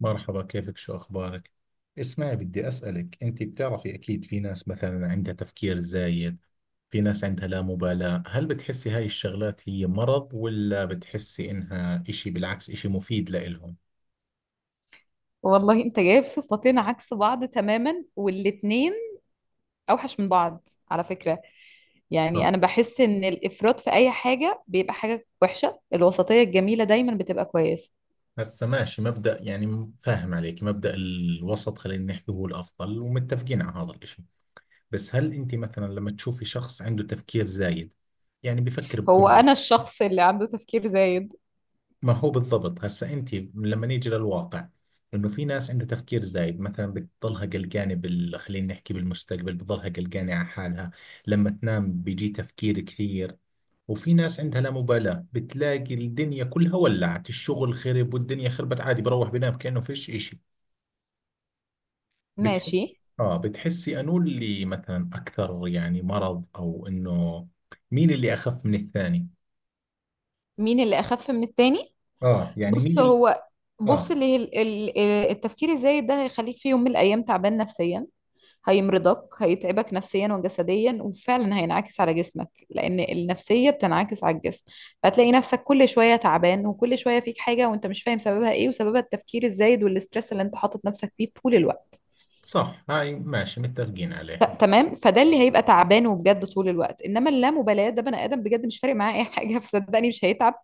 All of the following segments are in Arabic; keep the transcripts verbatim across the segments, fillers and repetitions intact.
مرحبا، كيفك؟ شو أخبارك؟ اسمعي، بدي أسألك. أنت بتعرفي أكيد في ناس مثلا عندها تفكير زايد، في ناس عندها لا مبالاة. هل بتحسي هاي الشغلات هي مرض ولا بتحسي إنها إشي بالعكس إشي مفيد لإلهم؟ والله انت جايب صفتين عكس بعض تماما، والاتنين اوحش من بعض على فكرة. يعني آه. انا بحس ان الافراط في اي حاجة بيبقى حاجة وحشة. الوسطية الجميلة دايما بتبقى كويسة. هسا ماشي مبدأ، يعني فاهم عليك مبدأ الوسط، خلينا نحكي هو الأفضل ومتفقين على هذا الإشي. بس هل أنت مثلا لما تشوفي شخص عنده تفكير زايد، يعني بفكر هو بكل. انا الشخص اللي عنده تفكير زايد. ما هو بالضبط، هسا انت لما نيجي للواقع، انه في ناس عندها تفكير زايد مثلا بتضلها قلقانه بال خلينا نحكي بالمستقبل، بتضلها قلقانه على حالها، لما تنام بيجي تفكير كثير. وفي ناس عندها لا مبالاة، بتلاقي الدنيا كلها ولعت، الشغل خرب والدنيا خربت، عادي بروح بنام كأنه فيش إشي. بتحس. ماشي. آه. بتحسي أنو اللي مثلا أكثر يعني مرض أو إنه، مين اللي أخف من الثاني؟ مين اللي اخف من التاني؟ آه يعني مين بص اللي. هو بص آه. اللي ال- ال- التفكير الزايد ده هيخليك في يوم من الايام تعبان نفسيا. هيمرضك، هيتعبك نفسيا وجسديا، وفعلا هينعكس على جسمك لان النفسيه بتنعكس على الجسم. فهتلاقي نفسك كل شويه تعبان وكل شويه فيك حاجه وانت مش فاهم سببها ايه، وسببها التفكير الزايد والاسترس اللي انت حاطط نفسك فيه طول الوقت. صح، هاي ماشي متفقين عليها. ت- تمام فده اللي هيبقى تعبان وبجد طول الوقت. انما اللامبالاه ده بني ادم بجد مش فارق معاه اي حاجه فصدقني مش هيتعب.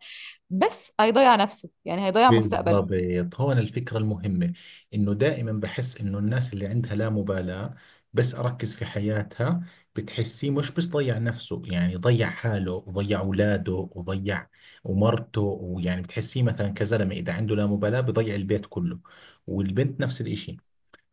بس هيضيع نفسه، يعني هيضيع بالضبط، مستقبله. هون الفكرة المهمة. إنه دائما بحس إنه الناس اللي عندها لا مبالاة، بس أركز في حياتها، بتحسيه مش بس ضيع نفسه، يعني ضيع حاله وضيع أولاده وضيع ومرته، ويعني بتحسيه مثلا كزلمة إذا عنده لا مبالاة بضيع البيت كله، والبنت نفس الإشي.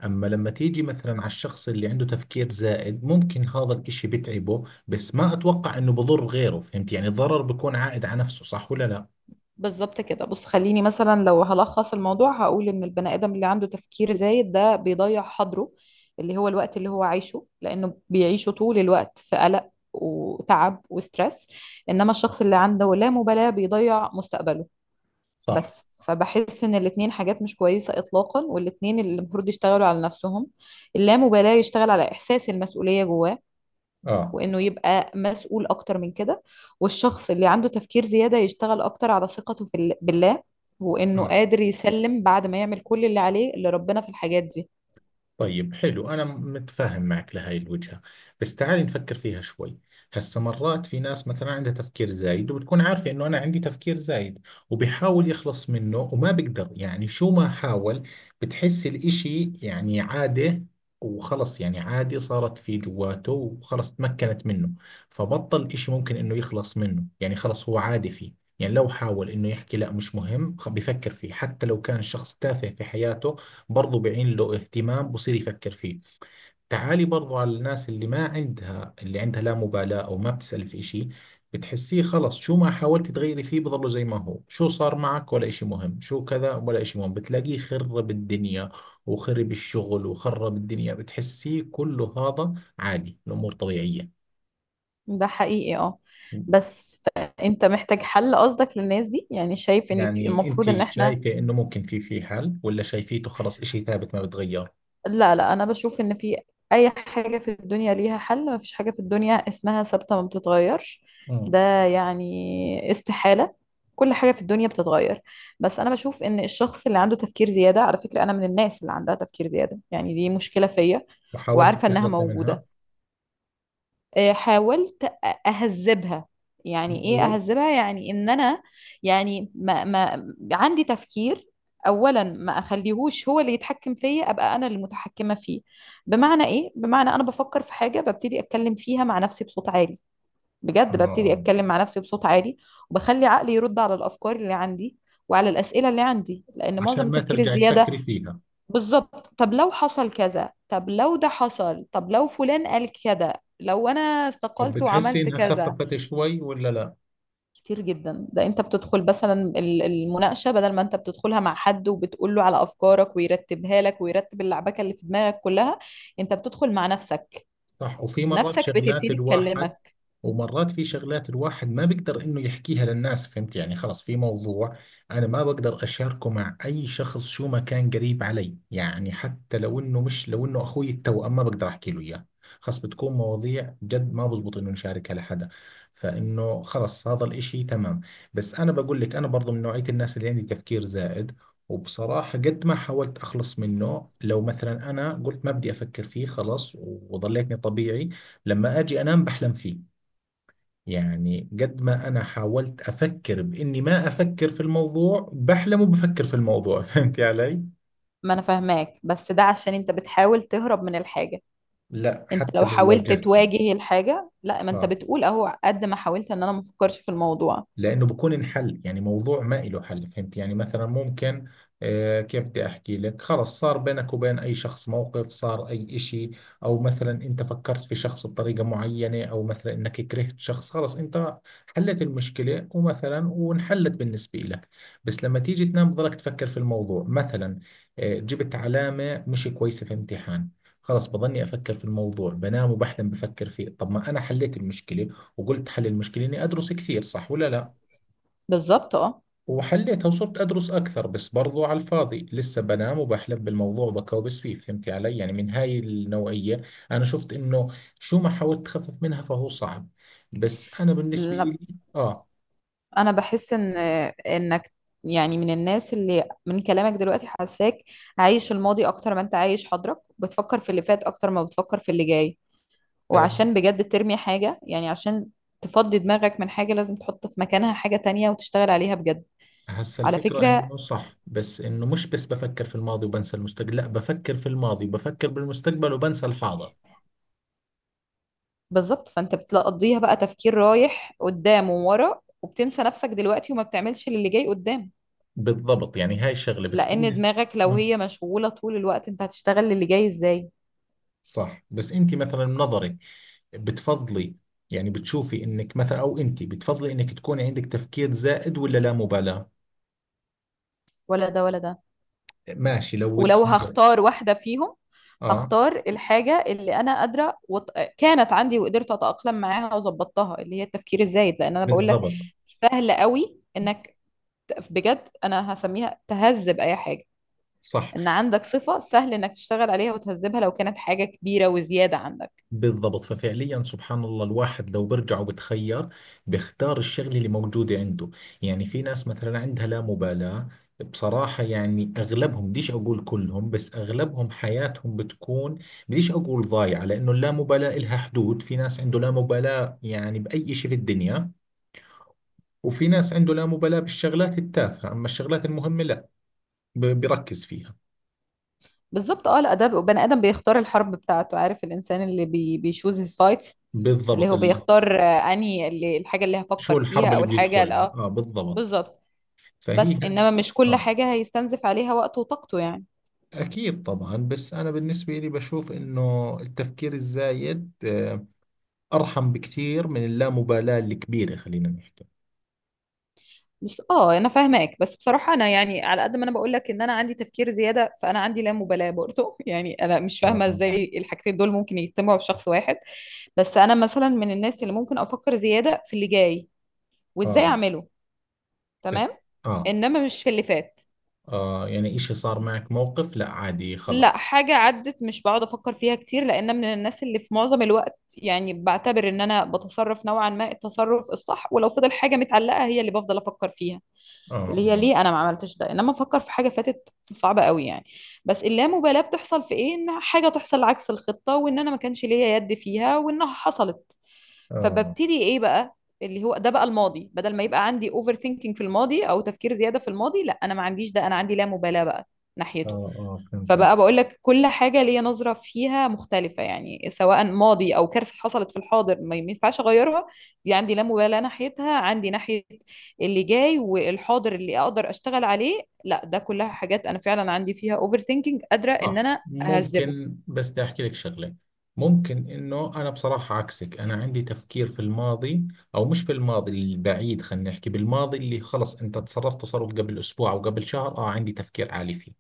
أما لما تيجي مثلا على الشخص اللي عنده تفكير زائد، ممكن هذا الإشي بتعبه، بس ما أتوقع إنه بضر غيره. فهمت يعني، الضرر بيكون عائد على نفسه، صح ولا لا؟ بالظبط كده. بص خليني مثلا لو هلخص الموضوع هقول ان البني ادم اللي عنده تفكير زايد ده بيضيع حاضره، اللي هو الوقت اللي هو عايشه، لانه بيعيشه طول الوقت في قلق وتعب وسترess. انما الشخص اللي عنده لا مبالاة بيضيع مستقبله. صح. بس فبحس ان الاتنين حاجات مش كويسة اطلاقا، والاتنين اللي المفروض يشتغلوا على نفسهم. اللامبالاة يشتغل على احساس المسؤولية جواه، اه وانه يبقى مسؤول اكتر من كده. والشخص اللي عنده تفكير زيادة يشتغل اكتر على ثقته في ال- بالله، وانه اه. قادر يسلم بعد ما يعمل كل اللي عليه لربنا في الحاجات دي. طيب حلو، أنا متفاهم معك لهاي الوجهة، بس تعالي نفكر فيها شوي. هسا مرات في ناس مثلا عندها تفكير زايد وبتكون عارفة إنه أنا عندي تفكير زايد، وبيحاول يخلص منه وما بيقدر، يعني شو ما حاول. بتحس الإشي يعني عادة، وخلص يعني عادي صارت في جواته وخلص تمكنت منه، فبطل إشي ممكن إنه يخلص منه، يعني خلص هو عادي فيه. يعني لو حاول إنه يحكي لا مش مهم، خ- بيفكر فيه حتى لو كان شخص تافه في حياته، برضو بعين له اهتمام، بصير يفكر فيه. تعالي برضو على الناس اللي ما عندها اللي عندها لا مبالاة أو ما بتسأل في إشي، بتحسيه خلص شو ما حاولت تغيري فيه بضله زي ما هو، شو صار معك ولا إشي مهم، شو كذا ولا إشي مهم، بتلاقيه خرب الدنيا وخرب الشغل وخرب الدنيا، بتحسيه كله هذا عادي، الأمور طبيعية. ده حقيقي اه، بس فانت محتاج حل؟ قصدك للناس دي يعني شايف ان في- يعني أنت المفروض ان احنا... شايفة إنه ممكن في في حل ولا شايفيته خلص إشي ثابت ما بتغير؟ لا لا، انا بشوف ان في. اي حاجة في الدنيا ليها حل، ما فيش حاجة في الدنيا اسمها ثابتة ما بتتغيرش، مم. ده يعني استحالة. كل حاجة في الدنيا بتتغير. بس انا بشوف ان الشخص اللي عنده تفكير زيادة، على فكرة انا من الناس اللي عندها تفكير زيادة، يعني دي مشكلة فيا وحاولت وعارفة انها تخلصي منها. موجودة. آه، حاولت أ- اهذبها يعني ايه و... اهذبها؟ يعني ان انا يعني ما ما عندي تفكير. اولا ما اخليهوش هو اللي يتحكم فيا، ابقى انا اللي متحكمه فيه. بمعنى ايه؟ بمعنى انا بفكر في حاجه ببتدي اتكلم فيها مع نفسي بصوت عالي، بجد ببتدي آه. اتكلم مع نفسي بصوت عالي. وبخلي عقلي يرد على الافكار اللي عندي وعلى الاسئله اللي عندي، لان عشان معظم ما التفكير ترجعي الزياده... تفكري فيها. بالظبط. طب لو حصل كذا، طب لو ده حصل، طب لو فلان قال كذا، لو انا طب استقلت بتحسي وعملت انها كذا. خففت شوي ولا لا؟ كتير جدا. ده انت بتدخل مثلا ال- المناقشة. بدل ما انت بتدخلها مع حد وبتقول له على افكارك ويرتبها لك ويرتب اللعبكة اللي في دماغك كلها، انت بتدخل مع نفسك. صح، وفي مرات نفسك شغلات بتبتدي الواحد. تكلمك. ومرات في شغلات الواحد ما بيقدر انه يحكيها للناس. فهمت يعني، خلص في موضوع انا ما بقدر اشاركه مع اي شخص شو ما كان قريب علي، يعني حتى لو انه مش، لو انه اخوي التوأم ما بقدر احكي له اياه، خلص بتكون مواضيع جد ما بزبط انه نشاركها لحدا. فانه خلص هذا الاشي تمام. بس انا بقول لك، انا برضو من نوعية الناس اللي عندي تفكير زائد. وبصراحة قد ما حاولت أخلص منه، لو مثلا أنا قلت ما بدي أفكر فيه خلاص وظليتني طبيعي، لما أجي أنام بحلم فيه. يعني قد ما أنا حاولت أفكر بإني ما أفكر في الموضوع، بحلم وبفكر في الموضوع فهمت علي؟ ما انا فاهماك، بس ده عشان انت بتحاول تهرب من الحاجة. لا انت حتى لو لو حاولت واجهتها. تواجه الحاجة، لا، ما انت آه. بتقول اهو قد ما حاولت ان انا ما افكرش في الموضوع. لانه بكون انحل، يعني موضوع ما إله حل فهمت يعني، مثلا ممكن، آه كيف بدي احكي لك، خلص صار بينك وبين اي شخص موقف، صار اي اشي، او مثلا انت فكرت في شخص بطريقة معينة، او مثلا انك كرهت شخص، خلص انت حلت المشكلة ومثلا وانحلت بالنسبة لك، بس لما تيجي تنام بضلك تفكر في الموضوع. مثلا آه جبت علامة مش كويسة في امتحان، خلص بضلني افكر في الموضوع، بنام وبحلم بفكر فيه. طب ما انا حليت المشكلة، وقلت حل المشكلة اني ادرس كثير صح ولا لا، بالظبط. وحليتها وصرت أدرس أكثر، بس برضو على الفاضي لسه بنام وبحلم بالموضوع وبكوبس فيه. فهمتي علي، يعني من هاي النوعية. أنا شفت إنه شو ما حاولت تخفف منها فهو صعب، بس أنا بالنسبة اه إلي. آه انا بحس ان انك يعني من الناس اللي من كلامك دلوقتي حاساك عايش الماضي اكتر ما انت عايش حاضرك. بتفكر في اللي فات اكتر ما بتفكر في اللي جاي. آه، وعشان بجد ترمي حاجة، يعني عشان تفضي دماغك من حاجة لازم تحط في مكانها حاجة تانية وتشتغل عليها بجد. هسا على الفكرة فكرة إنه صح، بس إنه مش بس بفكر في الماضي وبنسى المستقبل، لا بفكر في الماضي وبفكر بالمستقبل وبنسى الحاضر. بالظبط. فانت بتقضيها بقى تفكير رايح قدام وورا وبتنسى نفسك دلوقتي وما بتعملش للي جاي قدام. بالضبط يعني هاي الشغلة، بس لان بالنسبة، دماغك لو آه، هي مشغولة طول الوقت انت هتشتغل للي جاي ازاي؟ صح. بس أنت مثلا من نظرك بتفضلي، يعني بتشوفي انك مثلا او انت بتفضلي انك تكوني عندك تفكير زائد ولا لا مبالاة؟ ولا ده ولا ده. ماشي، لو ولو تخير. هختار واحدة فيهم اه. هختار الحاجة اللي أنا قادرة وط... كانت عندي وقدرت أتأقلم معاها وظبطتها، اللي هي التفكير الزايد، لأن أنا بقول لك بالضبط. سهل قوي إنك ت- بجد أنا هسميها تهذب أي حاجة. صح. إن عندك صفة سهل إنك تشتغل عليها وتهذبها لو كانت حاجة كبيرة وزيادة عندك. بالضبط، ففعليا سبحان الله الواحد لو برجع وبتخير بيختار الشغلة اللي موجودة عنده. يعني في ناس مثلا عندها لا مبالاة، بصراحة يعني أغلبهم، بديش أقول كلهم بس أغلبهم، حياتهم بتكون، بديش أقول ضايعة لأنه اللامبالاة إلها حدود. في ناس عنده لا مبالاة يعني بأي شيء في الدنيا، وفي ناس عنده لا مبالاة بالشغلات التافهة أما الشغلات المهمة لا، ب- بيركز فيها. بالظبط. أه الأدب بني آدم بيختار الحرب بتاعته. عارف الإنسان اللي بي... بيشوز هيز فايتس، اللي بالضبط. هو ال... بيختار، آه، أنهي اللي... الحاجة اللي شو هفكر فيها الحرب اللي أو الحاجة ال- بيدخلها، اه آه بالضبط. بالظبط. بس فهي، انما مش كل آه. حاجة هيستنزف عليها وقته وطاقته يعني. أكيد طبعا، بس أنا بالنسبة لي بشوف إنه التفكير الزايد، آه، أرحم بكثير من اللامبالاة الكبيرة خلينا نحكي. بس اه انا فاهماك، بس بصراحة انا يعني على قد ما انا بقول لك ان انا عندي تفكير زيادة، فانا عندي لا مبالاة برضه يعني انا مش آه فاهمة آه ازاي الحاجتين دول ممكن يجتمعوا في شخص واحد. بس انا مثلا من الناس اللي ممكن افكر زيادة في اللي جاي وازاي آه. اعمله. تمام. بس. آه انما مش في اللي فات. آه، يعني إشي صار معك موقف لا عادي خلص. لا، حاجة عدت مش بقعد أفكر فيها كتير، لأن من الناس اللي في معظم الوقت يعني بعتبر إن أنا بتصرف نوعا ما التصرف الصح. ولو فضل حاجة متعلقة هي اللي بفضل أفكر فيها، آه اللي هي آه. ليه انا ما عملتش ده. انما افكر في حاجه فاتت صعبه قوي يعني. بس اللامبالاه بتحصل في ايه؟ ان حاجه تحصل عكس الخطه وان انا ما كانش ليا يد فيها وانها حصلت. آه فببتدي ايه بقى؟ اللي هو ده بقى الماضي. بدل ما يبقى عندي اوفر ثينكينج في الماضي او تفكير زياده في الماضي، لا انا ما عنديش ده، انا عندي لا مبالاه بقى آه, ناحيته. آه. فهمت. فبقى بقول لك كل حاجة ليا نظرة فيها مختلفة، يعني سواء ماضي أو كارثة حصلت في الحاضر ما ما ينفعش أغيرها، دي عندي لا مبالاة ناحيتها. عندي ناحية اللي جاي والحاضر اللي أقدر أشتغل عليه، لا ده كلها حاجات أنا فعلا عندي فيها أوفر ثينكينج قادرة إن صح أنا أهذبه. ممكن، بس بدي احكي لك شغله. ممكن انه انا بصراحه عكسك، انا عندي تفكير في الماضي، او مش في الماضي البعيد، خلينا نحكي بالماضي اللي خلص انت تصرفت تصرف قبل اسبوع او قبل شهر، اه عندي تفكير عالي فيه.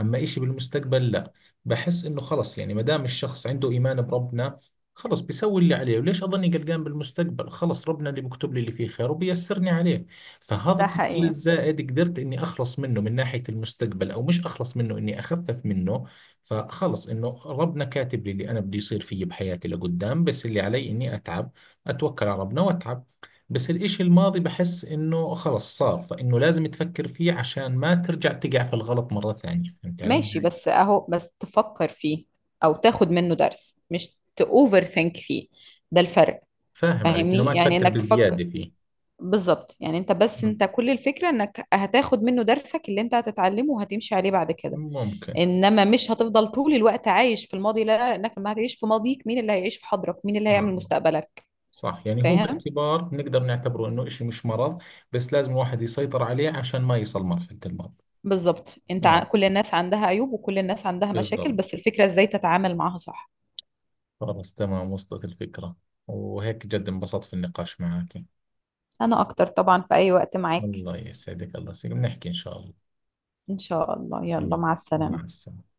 اما إشي بالمستقبل لا، بحس انه خلص، يعني ما دام الشخص عنده ايمان بربنا، خلص بيسوي اللي عليه، وليش اظني قلقان بالمستقبل، خلص ربنا اللي بيكتب لي اللي فيه خير وبيسرني عليه. فهذا ده التفكير حقيقي. الزائد قدرت اني اخلص منه من ناحية المستقبل، او مش اخلص منه اني اخفف منه. فخلص انه ربنا كاتب لي اللي انا بدي يصير فيي بحياتي لقدام، بس اللي علي اني اتعب، اتوكل على ربنا واتعب. بس الاشي الماضي بحس انه خلص صار، فانه لازم تفكر فيه عشان ما ترجع تقع في الغلط مرة ثانية، فهمت علي؟ ماشي. بس أهو بس تفكر فيه أو تاخد منه درس، مش تأوفر ثينك فيه. ده الفرق. فاهم عليك انه فاهمني ما يعني تفكر إنك تفكر. بزيادة فيه. بالظبط يعني انت بس مم. انت كل الفكرة انك هتاخد منه درسك اللي انت هتتعلمه وهتمشي عليه بعد كده. ممكن. انما مش هتفضل طول الوقت عايش في الماضي، لا لا، انك لما هتعيش في ماضيك مين اللي هيعيش في حاضرك؟ مين اللي هيعمل مم. مستقبلك؟ صح، يعني هو فاهم. باعتبار نقدر نعتبره انه اشي مش مرض، بس لازم الواحد يسيطر عليه عشان ما يصل مرحلة المرض. بالظبط. انت اه ع- كل الناس عندها عيوب وكل الناس عندها مشاكل، بالضبط. بس الفكرة ازاي تتعامل معاها صح. خلاص تمام، وصلت الفكرة. وهيك جد انبسطت في النقاش معك. انا اكتر طبعا في اي وقت معاك. الله يسعدك، الله يسعدك، بنحكي إن شاء الله. ان شاء الله. يلا مم. مع مع السلامة. السلامة.